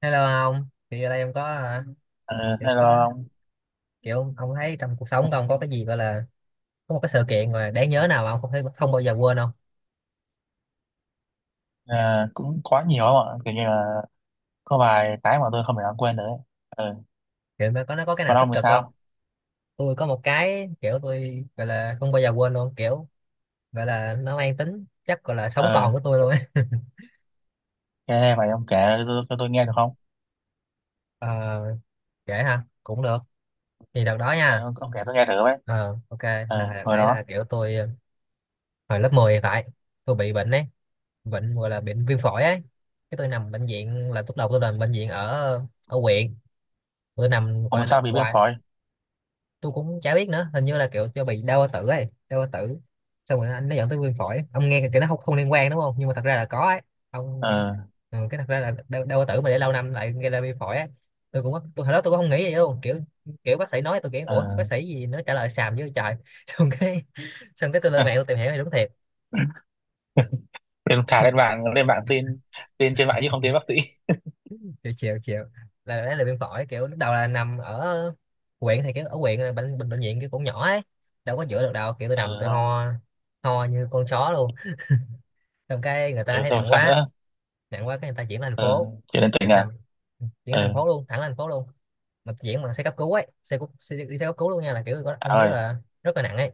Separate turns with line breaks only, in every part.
Hello ông, thì ở đây ông có à,
Ờ,
kiểu
hello
có
ông.
kiểu ông thấy trong cuộc sống của ông có cái gì gọi là có một cái sự kiện mà đáng nhớ nào mà ông không thấy không bao giờ quên không?
Ờ, cũng quá nhiều không ạ, kiểu như là có vài cái mà tôi không thể nào quên được ấy. Ờ,
Kiểu mà có nó có cái nào
còn
tích
ông thì
cực không?
sao?
Tôi có một cái kiểu tôi gọi là không bao giờ quên luôn, kiểu gọi là nó mang tính chắc gọi là sống còn
Ờ,
của tôi luôn ấy.
nghe vậy ông kể cho tôi nghe được không?
Ờ, kể ha, cũng được. Thì đợt đó
Ờ,
nha.
ông kể tôi nghe thử với.
Ờ, ok,
Ờ,
là đợt
hồi
đấy
đó
là kiểu tôi hồi lớp 10 thì phải, tôi bị bệnh ấy, bệnh gọi là bệnh viêm phổi ấy. Cái tôi nằm bệnh viện là lúc đầu tôi nằm bệnh viện ở ở huyện bữa năm
ông
gọi là
mà
năm
sao bị viêm
qua,
phổi?
tôi cũng chả biết nữa, hình như là kiểu cho bị đau bao tử ấy, đau bao tử xong rồi anh nó dẫn tới viêm phổi. Ông nghe cái nó không không liên quan đúng không, nhưng mà thật ra là có ấy ông.
ờ
Ừ, cái thật ra là đau, đau bao tử mà để lâu năm lại gây ra viêm phổi ấy. Tôi hồi đó tôi cũng không nghĩ vậy luôn, kiểu kiểu bác sĩ nói tôi, kiểu ủa bác
ờ
sĩ gì nó trả lời xàm với trời. xong cái Xong cái tôi lên mạng tôi tìm hiểu thì đúng thiệt.
Lên thả, lên bảng, lên bảng tin tin trên mạng chứ không tin bác sĩ.
Chiều chiều chiều là đấy là viêm phổi, kiểu lúc đầu là nằm ở huyện, thì cái ở huyện là bệnh bệnh bệnh viện kiểu cũng nhỏ ấy, đâu có chữa được đâu, kiểu tôi nằm
Ờ,
tôi
không.
ho, ho như con chó luôn. Xong cái người
Ờ,
ta thấy
xong rồi
nặng
sao
quá,
nữa?
nặng quá cái người ta chuyển lên thành
Ờ,
phố.
chuyện đến tỉnh
Tôi
à?
nằm chuyển lên thành
Ờ,
phố luôn, thẳng lên thành phố luôn, mà chuyển bằng xe cấp cứu ấy, xe đi xe cấp cứu luôn nha, là kiểu có, ông
trời
biết
ơi.
là rất là nặng ấy,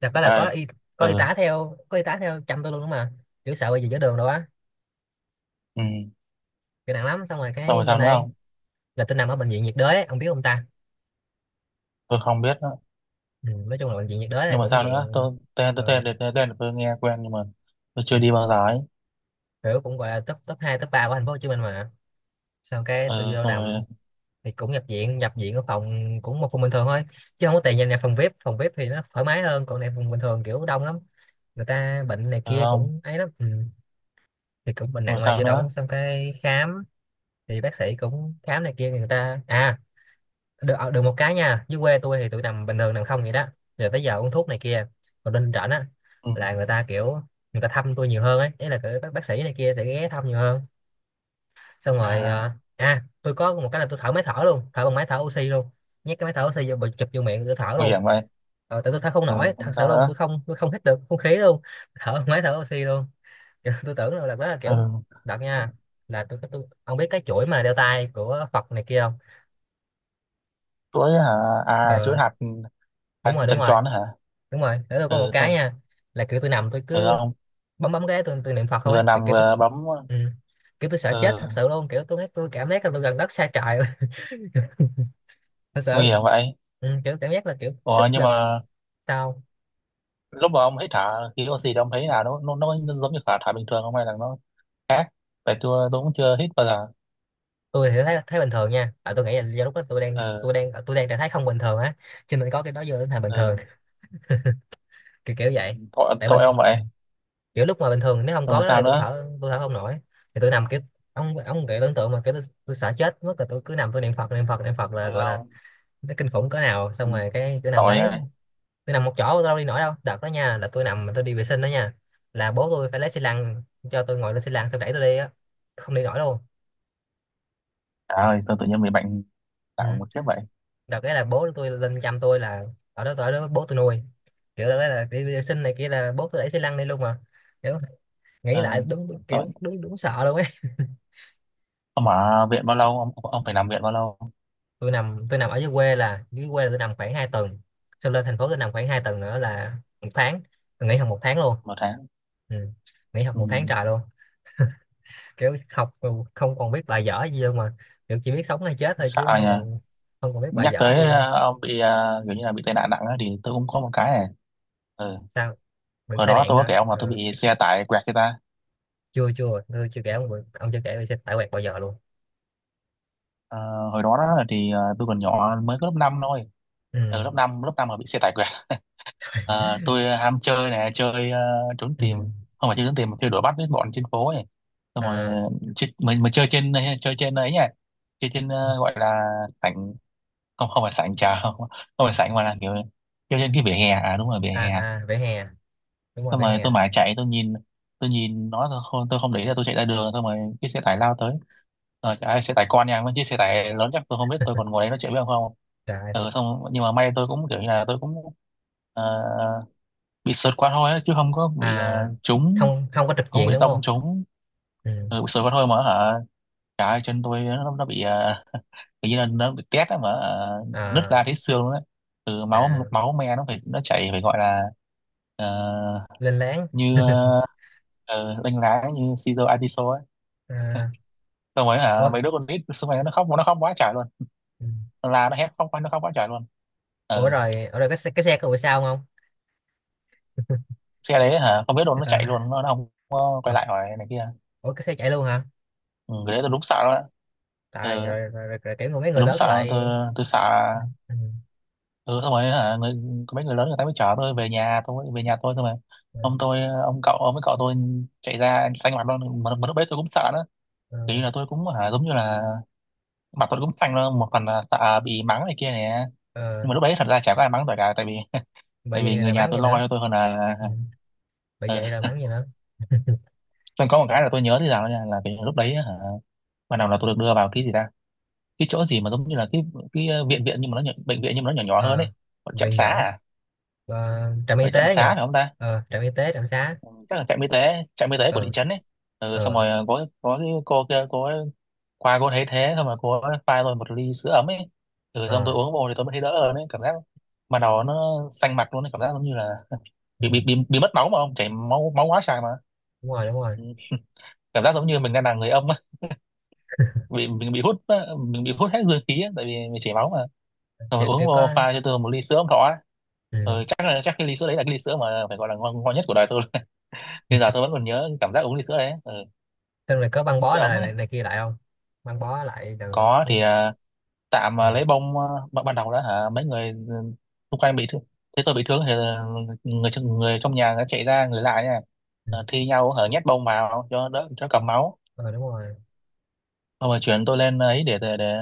là phải
Trời
là có
ơi.
y, có y
Ờ.
tá theo, có y tá theo chăm tôi luôn đúng mà, kiểu sợ bị gì giữa đường đâu á,
Ừ,
kiểu nặng lắm. Xong rồi
xong
cái
rồi
lên
sao nữa
đây
không?
là tôi nằm ở bệnh viện nhiệt đới ấy. Ông biết không ta?
Tôi không biết.
Ừ, nói chung là bệnh viện nhiệt đới này
Nhưng mà
cũng
sao nữa?
dạng
tôi tên tôi tên
ờ,
tên tên, tên là tôi nghe quen, nhưng mà tôi chưa đi bao giờ ấy.
kiểu cũng gọi là top, top 2 top 3 của thành phố Hồ Chí Minh mà. Sau cái tôi
Ừ,
vô
xong rồi.
nằm thì cũng nhập viện, ở phòng, cũng một phòng bình thường thôi, chứ không có tiền nhìn nhập phòng VIP. Phòng VIP thì nó thoải mái hơn, còn này phòng bình thường kiểu đông lắm, người ta bệnh này
Ừ,
kia
không.
cũng ấy lắm. Ừ, thì cũng bệnh
Xong rồi
nặng mà
sao
vô
nữa?
động xong cái khám, thì bác sĩ cũng khám này kia người ta, à được được một cái nha, dưới quê tôi thì tôi nằm bình thường nằm không vậy đó, rồi tới giờ uống thuốc này kia. Còn lên rảnh á
Ừ.
là người ta kiểu, người ta thăm tôi nhiều hơn ấy, ý là kiểu bác sĩ này kia sẽ ghé thăm nhiều hơn. Xong rồi
À,
tôi có một cái là tôi thở máy thở luôn, thở bằng máy thở oxy luôn, nhét cái máy thở oxy vô bịch chụp vô miệng tôi thở
nguy
luôn.
hiểm vậy.
Tại tôi thở không
Ừ,
nổi
xong
thật
rồi
sự
sao
luôn,
nữa?
tôi không hít được không khí luôn, thở bằng máy thở oxy luôn. Kiểu tôi tưởng là đó là
Ừ,
kiểu đợt nha là tôi ông biết cái chuỗi mà đeo tay của Phật này kia không?
chuỗi hả? À, chuỗi
Ờ,
hạt.
đúng
Hạt
rồi, đúng
tròn
rồi
tròn hả?
đúng rồi để tôi có
Ừ,
một
xong
cái
rồi.
nha, là kiểu tôi nằm tôi
Ừ,
cứ
không.
bấm bấm cái tôi niệm Phật không ấy,
Vừa
tôi
nằm
kiểu tôi,
vừa bấm?
ừ, kiểu tôi sợ chết thật
Ừ,
sự luôn, kiểu tôi cảm giác là tôi gần đất xa trời luôn. Thật
nguy
sự
hiểm vậy.
ừ, kiểu cảm giác là kiểu sức
Ủa, nhưng
lực.
mà
Sao?
lúc mà ông hít thở khí oxy, thì ông thấy là nó giống như thở thở bình thường không, hay là nó khác? Tại tôi cũng chưa hít bao giờ.
Tôi thì thấy, thấy bình thường nha, à tôi nghĩ là do lúc đó
Ừ.
tôi đang trạng thái không bình thường á, cho nên có cái đó vô đến thành bình thường.
Ừ,
Kiểu, kiểu vậy.
tội
Tại
tội
bình,
ông vậy.
kiểu lúc mà bình thường nếu không
Rồi
có
mà
cái đó
sao
thì
nữa?
tôi thở không nổi. Thì tôi nằm kiểu ông kiểu tưởng tượng mà kiểu tôi sợ chết mất rồi, tôi cứ nằm tôi niệm Phật, là gọi là
Long.
nó kinh khủng cỡ nào.
Ừ,
Xong rồi cái tôi nằm
tội
đấy,
ơi.
tôi nằm một chỗ tôi đâu đi nổi đâu. Đợt đó nha là tôi nằm mà tôi đi vệ sinh đó nha, là bố tôi phải lấy xi lăng cho tôi ngồi lên xi lăng xong đẩy tôi đi á, không đi nổi luôn.
À ơi, sao tự nhiên bị bệnh
Ừ,
nặng một kiếp vậy?
đợt đấy là bố tôi lên chăm tôi, là ở đó, bố tôi nuôi, kiểu đó là đi vệ sinh này kia là bố tôi đẩy xi lăng đi luôn mà, kiểu nghĩ lại
Ờ,
đúng, đúng
tội.
kiểu đúng, đúng sợ luôn ấy.
Ông ở viện bao lâu? Ông phải nằm viện bao lâu?
Tôi nằm ở dưới quê, là dưới quê là tôi nằm khoảng 2 tuần, xong lên thành phố tôi nằm khoảng 2 tuần nữa là 1 tháng. Tôi nghỉ học 1 tháng luôn.
Một tháng.
Ừ, nghỉ học
Ừ,
một tháng trời luôn, kiểu học mà không còn biết bài dở gì đâu mà, kiểu chỉ biết sống hay chết thôi,
sợ
chứ không
nhỉ.
còn, không còn biết bài
Nhắc
dở gì.
tới ông bị kiểu như là bị tai nạn nặng á, thì tôi cũng có một cái này. Ừ.
Sao bị
Hồi
tai
đó
nạn
tôi có
hả?
kể ông là
Ờ,
tôi bị xe tải quẹt người ta.
chưa chưa tôi chưa kể ông bị- ông chưa kể tôi sẽ tải quẹt bao giờ luôn.
Ờ, hồi đó, đó thì tôi còn nhỏ, mới có lớp 5 thôi.
Ừ,
Ở lớp năm mà bị xe tải quẹt. À, tôi ham chơi này, chơi trốn
ừ.
tìm. Không phải chơi trốn tìm, mà chơi đuổi bắt với bọn trên phố ấy. Xong rồi
À
chơi, mình chơi trên, chơi trên ấy nhỉ, chơi trên gọi là sảnh. Không, không phải sảnh trà, không, không phải sảnh, mà là kiểu chơi trên cái vỉa hè. À, đúng rồi, vỉa
à,
hè.
à vỉa hè, đúng rồi
Xong
vỉa
rồi
hè.
tôi mãi chạy, tôi nhìn, tôi nhìn nó, tôi không để ý, là tôi chạy ra đường, xong rồi cái xe tải lao tới. Ờ, xe tải con nha, mấy chiếc xe tải lớn chắc tôi không biết, tôi còn ngồi đấy nó chạy, biết không?
Trời ơi.
Ừ, xong nhưng mà may, tôi cũng kiểu như là tôi cũng ờ, bị sượt qua thôi á, chứ không có bị
À
trúng.
không, không có trực
Không có
diện
bị
đúng không?
tông trúng.
Ừ.
Ừ, bị sượt qua thôi mà hả. Cả chân tôi nó bị tự nhiên nó bị tét á, mà ờ, nứt ra
À
thấy xương luôn đấy. Từ máu
à,
máu me nó phải, nó chảy phải gọi là ờ,
lên láng.
như đánh lá như Caesar Atiso ấy.
À,
Xong rồi hả,
ủa,
mấy đứa con nít xung quanh nó khóc, nó khóc quá trời luôn.
ừ.
Nó la nó hét, khóc quá, nó khóc quá trời luôn.
Ủa
Ừ.
rồi ở rồi cái xe có bị sao không?
Xe đấy hả? Không biết luôn, nó chạy
Ờ,
luôn, nó không có
ờ,
quay lại hỏi này kia.
ủa cái xe chạy luôn hả?
Ừ, cái đấy tôi đúng sợ đó.
Trời,
Ừ,
rồi, rồi, rồi, rồi kiểu người, mấy
tôi
người
đúng
lớn
sợ luôn,
lại,
tôi sợ.
ừ,
Ừ, xong rồi hả, có mấy người lớn người ta mới chở tôi về nhà, tôi về nhà tôi thôi mà. Ông
ừ,
tôi, ông cậu, ông với cậu tôi chạy ra xanh mặt luôn, mà lúc đấy tôi cũng sợ nữa, kiểu như
ừ,
là tôi cũng hả, giống như là mặt tôi cũng xanh luôn, một phần là sợ bị mắng này kia nè.
ờ,
Nhưng mà lúc đấy thật ra chả có ai mắng tôi cả, tại vì tại
bởi
vì
vậy
người
là
nhà
bắn
tôi
gì
lo
nữa.
cho tôi hơn là.
Ừ, bởi
Ừ.
vậy là bắn gì nữa.
Xong có một cái là tôi nhớ thế nào nha, là cái lúc đấy hả, ban đầu là tôi được đưa vào cái gì ta, cái chỗ gì mà giống như là cái viện, viện nhưng mà nó nhỏ, bệnh viện nhưng mà nó nhỏ, nhỏ hơn
Ờ,
ấy. Gọi trạm
viện
xá
nhỏ.
à?
Ờ, trạm y
Ở trạm
tế
xá
nha.
phải không ta?
Ờ, trạm y tế, trạm xá.
Ừ, chắc là trạm y tế, trạm y tế của thị
Ờ,
trấn ấy. Ừ, xong
ờ,
rồi có cái cô kia, cô ấy qua, cô thấy thế, xong rồi cô ấy pha tôi một ly sữa ấm ấy. Ừ, xong tôi
ờ,
uống vô thì tôi mới thấy đỡ hơn ấy, cảm giác mà đầu nó xanh mặt luôn ấy, cảm giác giống như là
ừ.
bị mất máu, mà không chảy máu, máu quá trời mà.
Đúng rồi, đúng rồi,
Ừ, cảm giác giống như mình đang là người âm á, bị mình bị hút á, mình bị hút hết dương khí á, tại vì mình chảy máu mà. Xong rồi
kiểu,
uống
kiểu
vô,
có,
pha cho tôi một ly sữa ấm thọ á.
ừ.
Ừ, chắc là chắc cái ly sữa đấy là cái ly sữa mà phải gọi là ngon, ngon nhất của đời tôi. Bây giờ tôi vẫn còn nhớ cái cảm giác uống ly sữa đấy. Ừ.
Xong rồi có băng bó
Sữa ống
này,
ấy.
này này kia lại không? Băng bó lại từ,
Có
ừ.
thì à, tạm
Ừ.
à, lấy bông à, ban ban đầu đó hả, mấy người ừ, xung quanh bị thương, thế tôi bị thương thì à, người trong nhà nó chạy ra, người lại nha.
Ừ.
Ờ, thi nhau hở, nhét bông vào cho đỡ, cho cầm máu.
Ờ, đúng rồi.
Xong rồi chuyển tôi lên ờ, ấy để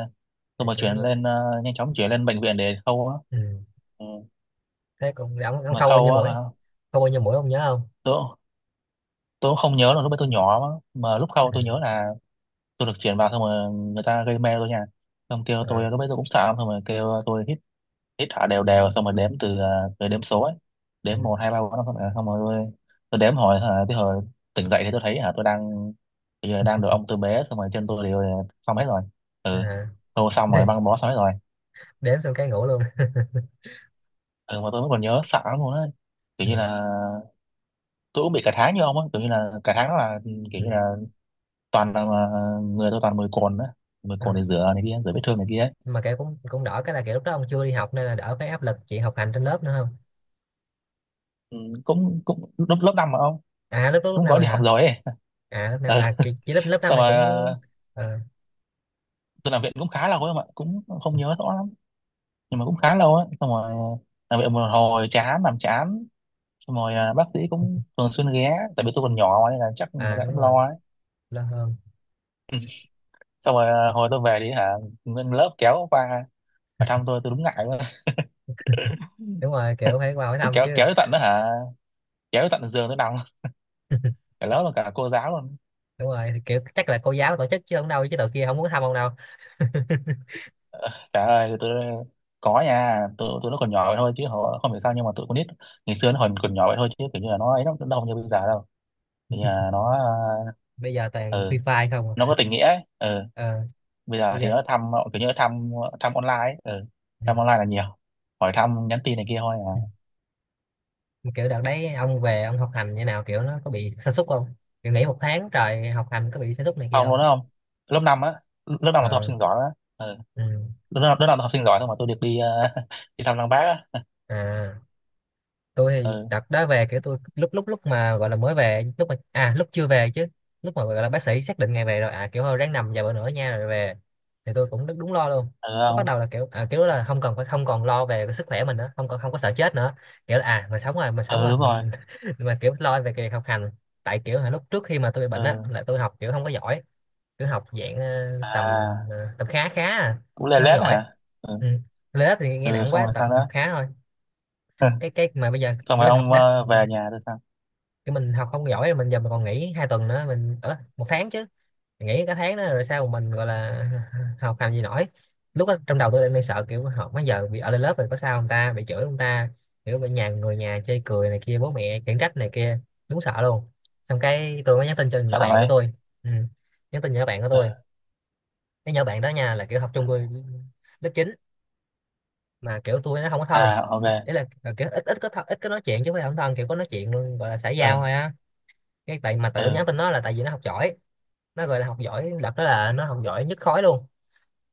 Thì
xong rồi
kiểu
chuyển lên
như,
ờ, nhanh chóng chuyển lên bệnh viện để khâu á.
ừ.
Ừ.
Thế cũng ông
Mà
khâu bao
khâu
nhiêu mũi?
á hả?
Khâu bao nhiêu mũi ông nhớ không?
Tôi tôi cũng không nhớ, là lúc ấy tôi nhỏ mà lúc
Ừ.
khâu tôi nhớ là tôi được chuyển vào, xong rồi người ta gây mê tôi nha. Xong kêu tôi,
Ờ.
lúc ấy tôi cũng sợ lắm, xong rồi kêu tôi hít thở đều đều, xong rồi đếm từ đếm số ấy,
Ừ.
đếm một hai ba bốn năm sáu bảy tám. Xong rồi tôi đếm hồi hả, tới hồi tỉnh dậy, thì tôi thấy hả, tôi đang bây giờ đang được ông tôi bế, xong rồi chân tôi đều đều, xong hết rồi. Ừ,
À.
tôi xong rồi băng bó xong hết rồi.
Đếm xong cái ngủ luôn.
Ừ, mà tôi vẫn còn nhớ sợ lắm luôn ấy, kiểu
Ừ.
như là tôi cũng bị cả tháng như ông á, kiểu như là cả tháng đó là kiểu
Ừ.
như là toàn là người tôi toàn mười cồn á, mười
Ờ.
cồn để rửa này kia, rửa vết thương này kia ấy.
Mà kiểu cũng, cũng đỡ cái là kiểu lúc đó ông chưa đi học nên là đỡ cái áp lực chị học hành trên lớp nữa không?
Ừ, cũng cũng lớp lớp năm mà ông,
À lớp lúc, lúc
cũng
năm
gói
rồi
đi học
hả?
rồi ấy.
À lớp năm
Ừ,
à, chị lớp, lớp năm
xong
này
rồi
cũng
ờ,
ờ,
tôi làm viện cũng khá lâu ấy, mà cũng không nhớ rõ lắm, nhưng mà cũng khá lâu ấy. Xong rồi làm viện một hồi chán, làm chán, xong rồi à, bác sĩ cũng thường xuyên ghé, tại vì tôi còn nhỏ mà, nên là chắc người
à
ta
đúng
cũng
rồi,
lo ấy.
lớp hơn.
Xong rồi à, hồi tôi về đi hả, nguyên lớp kéo qua và thăm tôi đúng ngại luôn.
Đúng rồi, kiểu phải qua hỏi
Thì
thăm
kéo,
chứ.
kéo tới tận đó hả, kéo tới tận giường tôi nằm, cả lớp và cả cô giáo luôn.
Đúng rồi, kiểu chắc là cô giáo tổ chức chứ không đâu, chứ tụi kia không muốn thăm ông đâu.
Trời ơi tôi, có nha, tụi tụi nó còn nhỏ vậy thôi, chứ họ không hiểu sao, nhưng mà tụi con nít ngày xưa nó còn còn nhỏ vậy thôi, chứ kiểu như là nó ấy lắm, nó không như bây giờ đâu. Kiểu như là nó
Bây giờ toàn
ờ,
free fire không à.
nó có tình nghĩa ấy. Ừ.
Ờ,
Bây giờ
bây
thì
giờ
nó thăm kiểu như nó thăm, thăm online ấy. Ừ.
ừ,
Thăm online là nhiều, hỏi thăm nhắn tin này kia thôi
ừ.
à.
Kiểu đợt đấy ông về ông học hành như nào, kiểu nó có bị sa sút không? Kiểu nghỉ một tháng trời học hành có bị sa sút này kia
Ông
không?
luôn đó không. lớp 5 á, lớp 5 là tôi học
Ờ,
sinh giỏi á. Ừ.
ừ.
Lớp năm là học sinh giỏi thôi, mà tôi được đi đi thăm lăng bác á.
À tôi thì
Ừ.
đợt đó về kiểu tôi lúc lúc lúc mà gọi là mới về, lúc mà à lúc chưa về chứ, lúc mà gọi là bác sĩ xác định ngày về rồi, à kiểu thôi ráng nằm vài bữa nữa nha rồi về, thì tôi cũng đúng, đúng lo luôn.
Ừ,
Lúc bắt
không.
đầu là kiểu à, kiểu là không cần phải không còn lo về cái sức khỏe mình nữa, không còn không có sợ chết nữa, kiểu là à mình sống
Ừ,
rồi
đúng rồi.
mình mà kiểu lo về cái việc học hành. Tại kiểu hồi lúc trước khi mà tôi bị
Ừ.
bệnh á là tôi học kiểu không có giỏi, kiểu học dạng tầm
À,
tầm khá, khá à,
cũng lê
chứ không
lết
giỏi.
hả. Ừ.
Ừ, lớp thì nghe
Ừ,
nặng
xong
quá
rồi sao
tầm học
nữa.
khá thôi. Cái mà bây giờ
Xong
kiểu
rồi
mình học
ông
đó mình,
về nhà rồi sao?
kiểu mình học không giỏi, mình giờ mình còn nghỉ 2 tuần nữa mình ở 1 tháng chứ, nghỉ cả tháng đó rồi sao mà mình gọi là học làm gì nổi. Lúc đó trong đầu tôi đang sợ kiểu học mấy giờ bị ở lên lớp rồi có sao không ta, bị chửi không ta, kiểu bị người nhà chê cười này kia, bố mẹ khiển trách này kia, đúng sợ luôn. Xong cái tôi mới nhắn tin cho nhỏ
Sợ
bạn của
vậy.
tôi, ừ, nhắn tin nhỏ bạn của
Ừ.
tôi. Cái nhỏ bạn đó nha là kiểu học chung tôi lớp 9, mà kiểu tôi nó không có thân,
À, ok.
ý là kiểu ít ít có thân, ít có nói chuyện, chứ không phải không thân, kiểu có nói chuyện luôn gọi là xã giao
Ừ.
thôi á. Cái tại mà tự
Ừ,
nhắn tin nó là tại vì nó học giỏi, nó gọi là học giỏi lập, đó là nó học giỏi nhất khối luôn,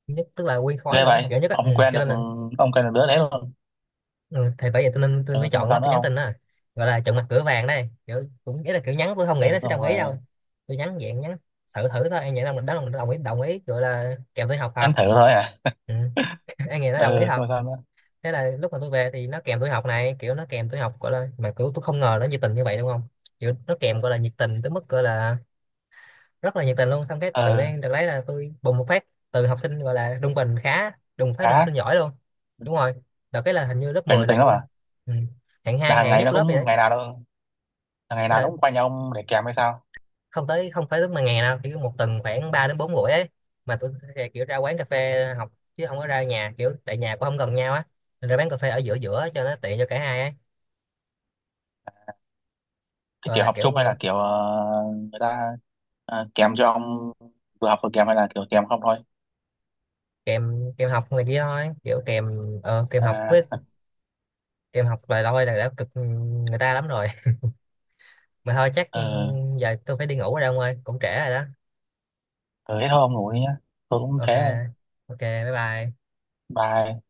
nhất tức là nguyên khối
ghê
là nó học
vậy,
giỏi nhất á, ừ,
ông quen
cho
được,
nên là
ông quen được đứa đấy luôn.
ừ, thì bởi vậy tôi nên tôi mới
Ừ, xong rồi
chọn nó
sao nữa
tôi nhắn
không.
tin á, gọi là chọn mặt cửa vàng đây, kiểu cũng ý là kiểu nhắn tôi không nghĩ nó
Ừ,
sẽ đồng
xong
ý
rồi.
đâu. Tôi nhắn dạng nhắn thử thử thôi, em nghĩ là mình đó là mình đồng ý, đồng ý gọi là kèm tôi học thật.
Anh thử thôi à?
Ừ. Em nghĩ nó
Ừ,
đồng ý thật.
coi sao nữa.
Thế là lúc mà tôi về thì nó kèm tuổi học này, kiểu nó kèm tuổi học gọi là, mà kiểu tôi không ngờ nó nhiệt tình như vậy đúng không, kiểu nó kèm gọi là nhiệt tình tới mức gọi là rất là nhiệt tình luôn. Xong cái
Ừ,
tự nhiên được lấy là tôi bùng một phát, từ học sinh gọi là trung bình khá đùng phát lên học
khá.
sinh giỏi luôn. Đúng rồi, đợt cái là hình như lớp
Kiểu
10
nhiệt
là
tình lắm
tôi,
à?
ừ, hạng
Là
hai
hàng
hạng
ngày
nhất
nó
lớp vậy
cũng,
đấy.
ngày nào đâu, là ngày
Thế
nào nó
là
cũng qua nhà ông để kèm hay sao?
không tới, không phải tới mà ngày nào, kiểu một tuần khoảng 3 đến 4 buổi ấy, mà tôi sẽ kiểu ra quán cà phê học, chứ không có ra nhà, kiểu tại nhà cũng không gần nhau á. Nên ra quán cà phê ở giữa, giữa cho nó tiện cho cả hai ấy.
Cái
Rồi
kiểu
là
học
kiểu
chung hay là kiểu người ta kèm cho ông, vừa học vừa kèm, hay là kiểu kèm không thôi?
kèm kèm học này kia thôi, kiểu kèm ờ, kèm học với
À.
kèm học vài lôi là đã cực người ta lắm rồi. Mà thôi chắc
Ừ.
ừ, giờ tôi phải đi ngủ rồi ông ơi, cũng trễ rồi đó.
Ừ, thế thôi ông ngủ đi nhá, tôi cũng
Ok.
thế đây.
Ok, bye bye.
Bye.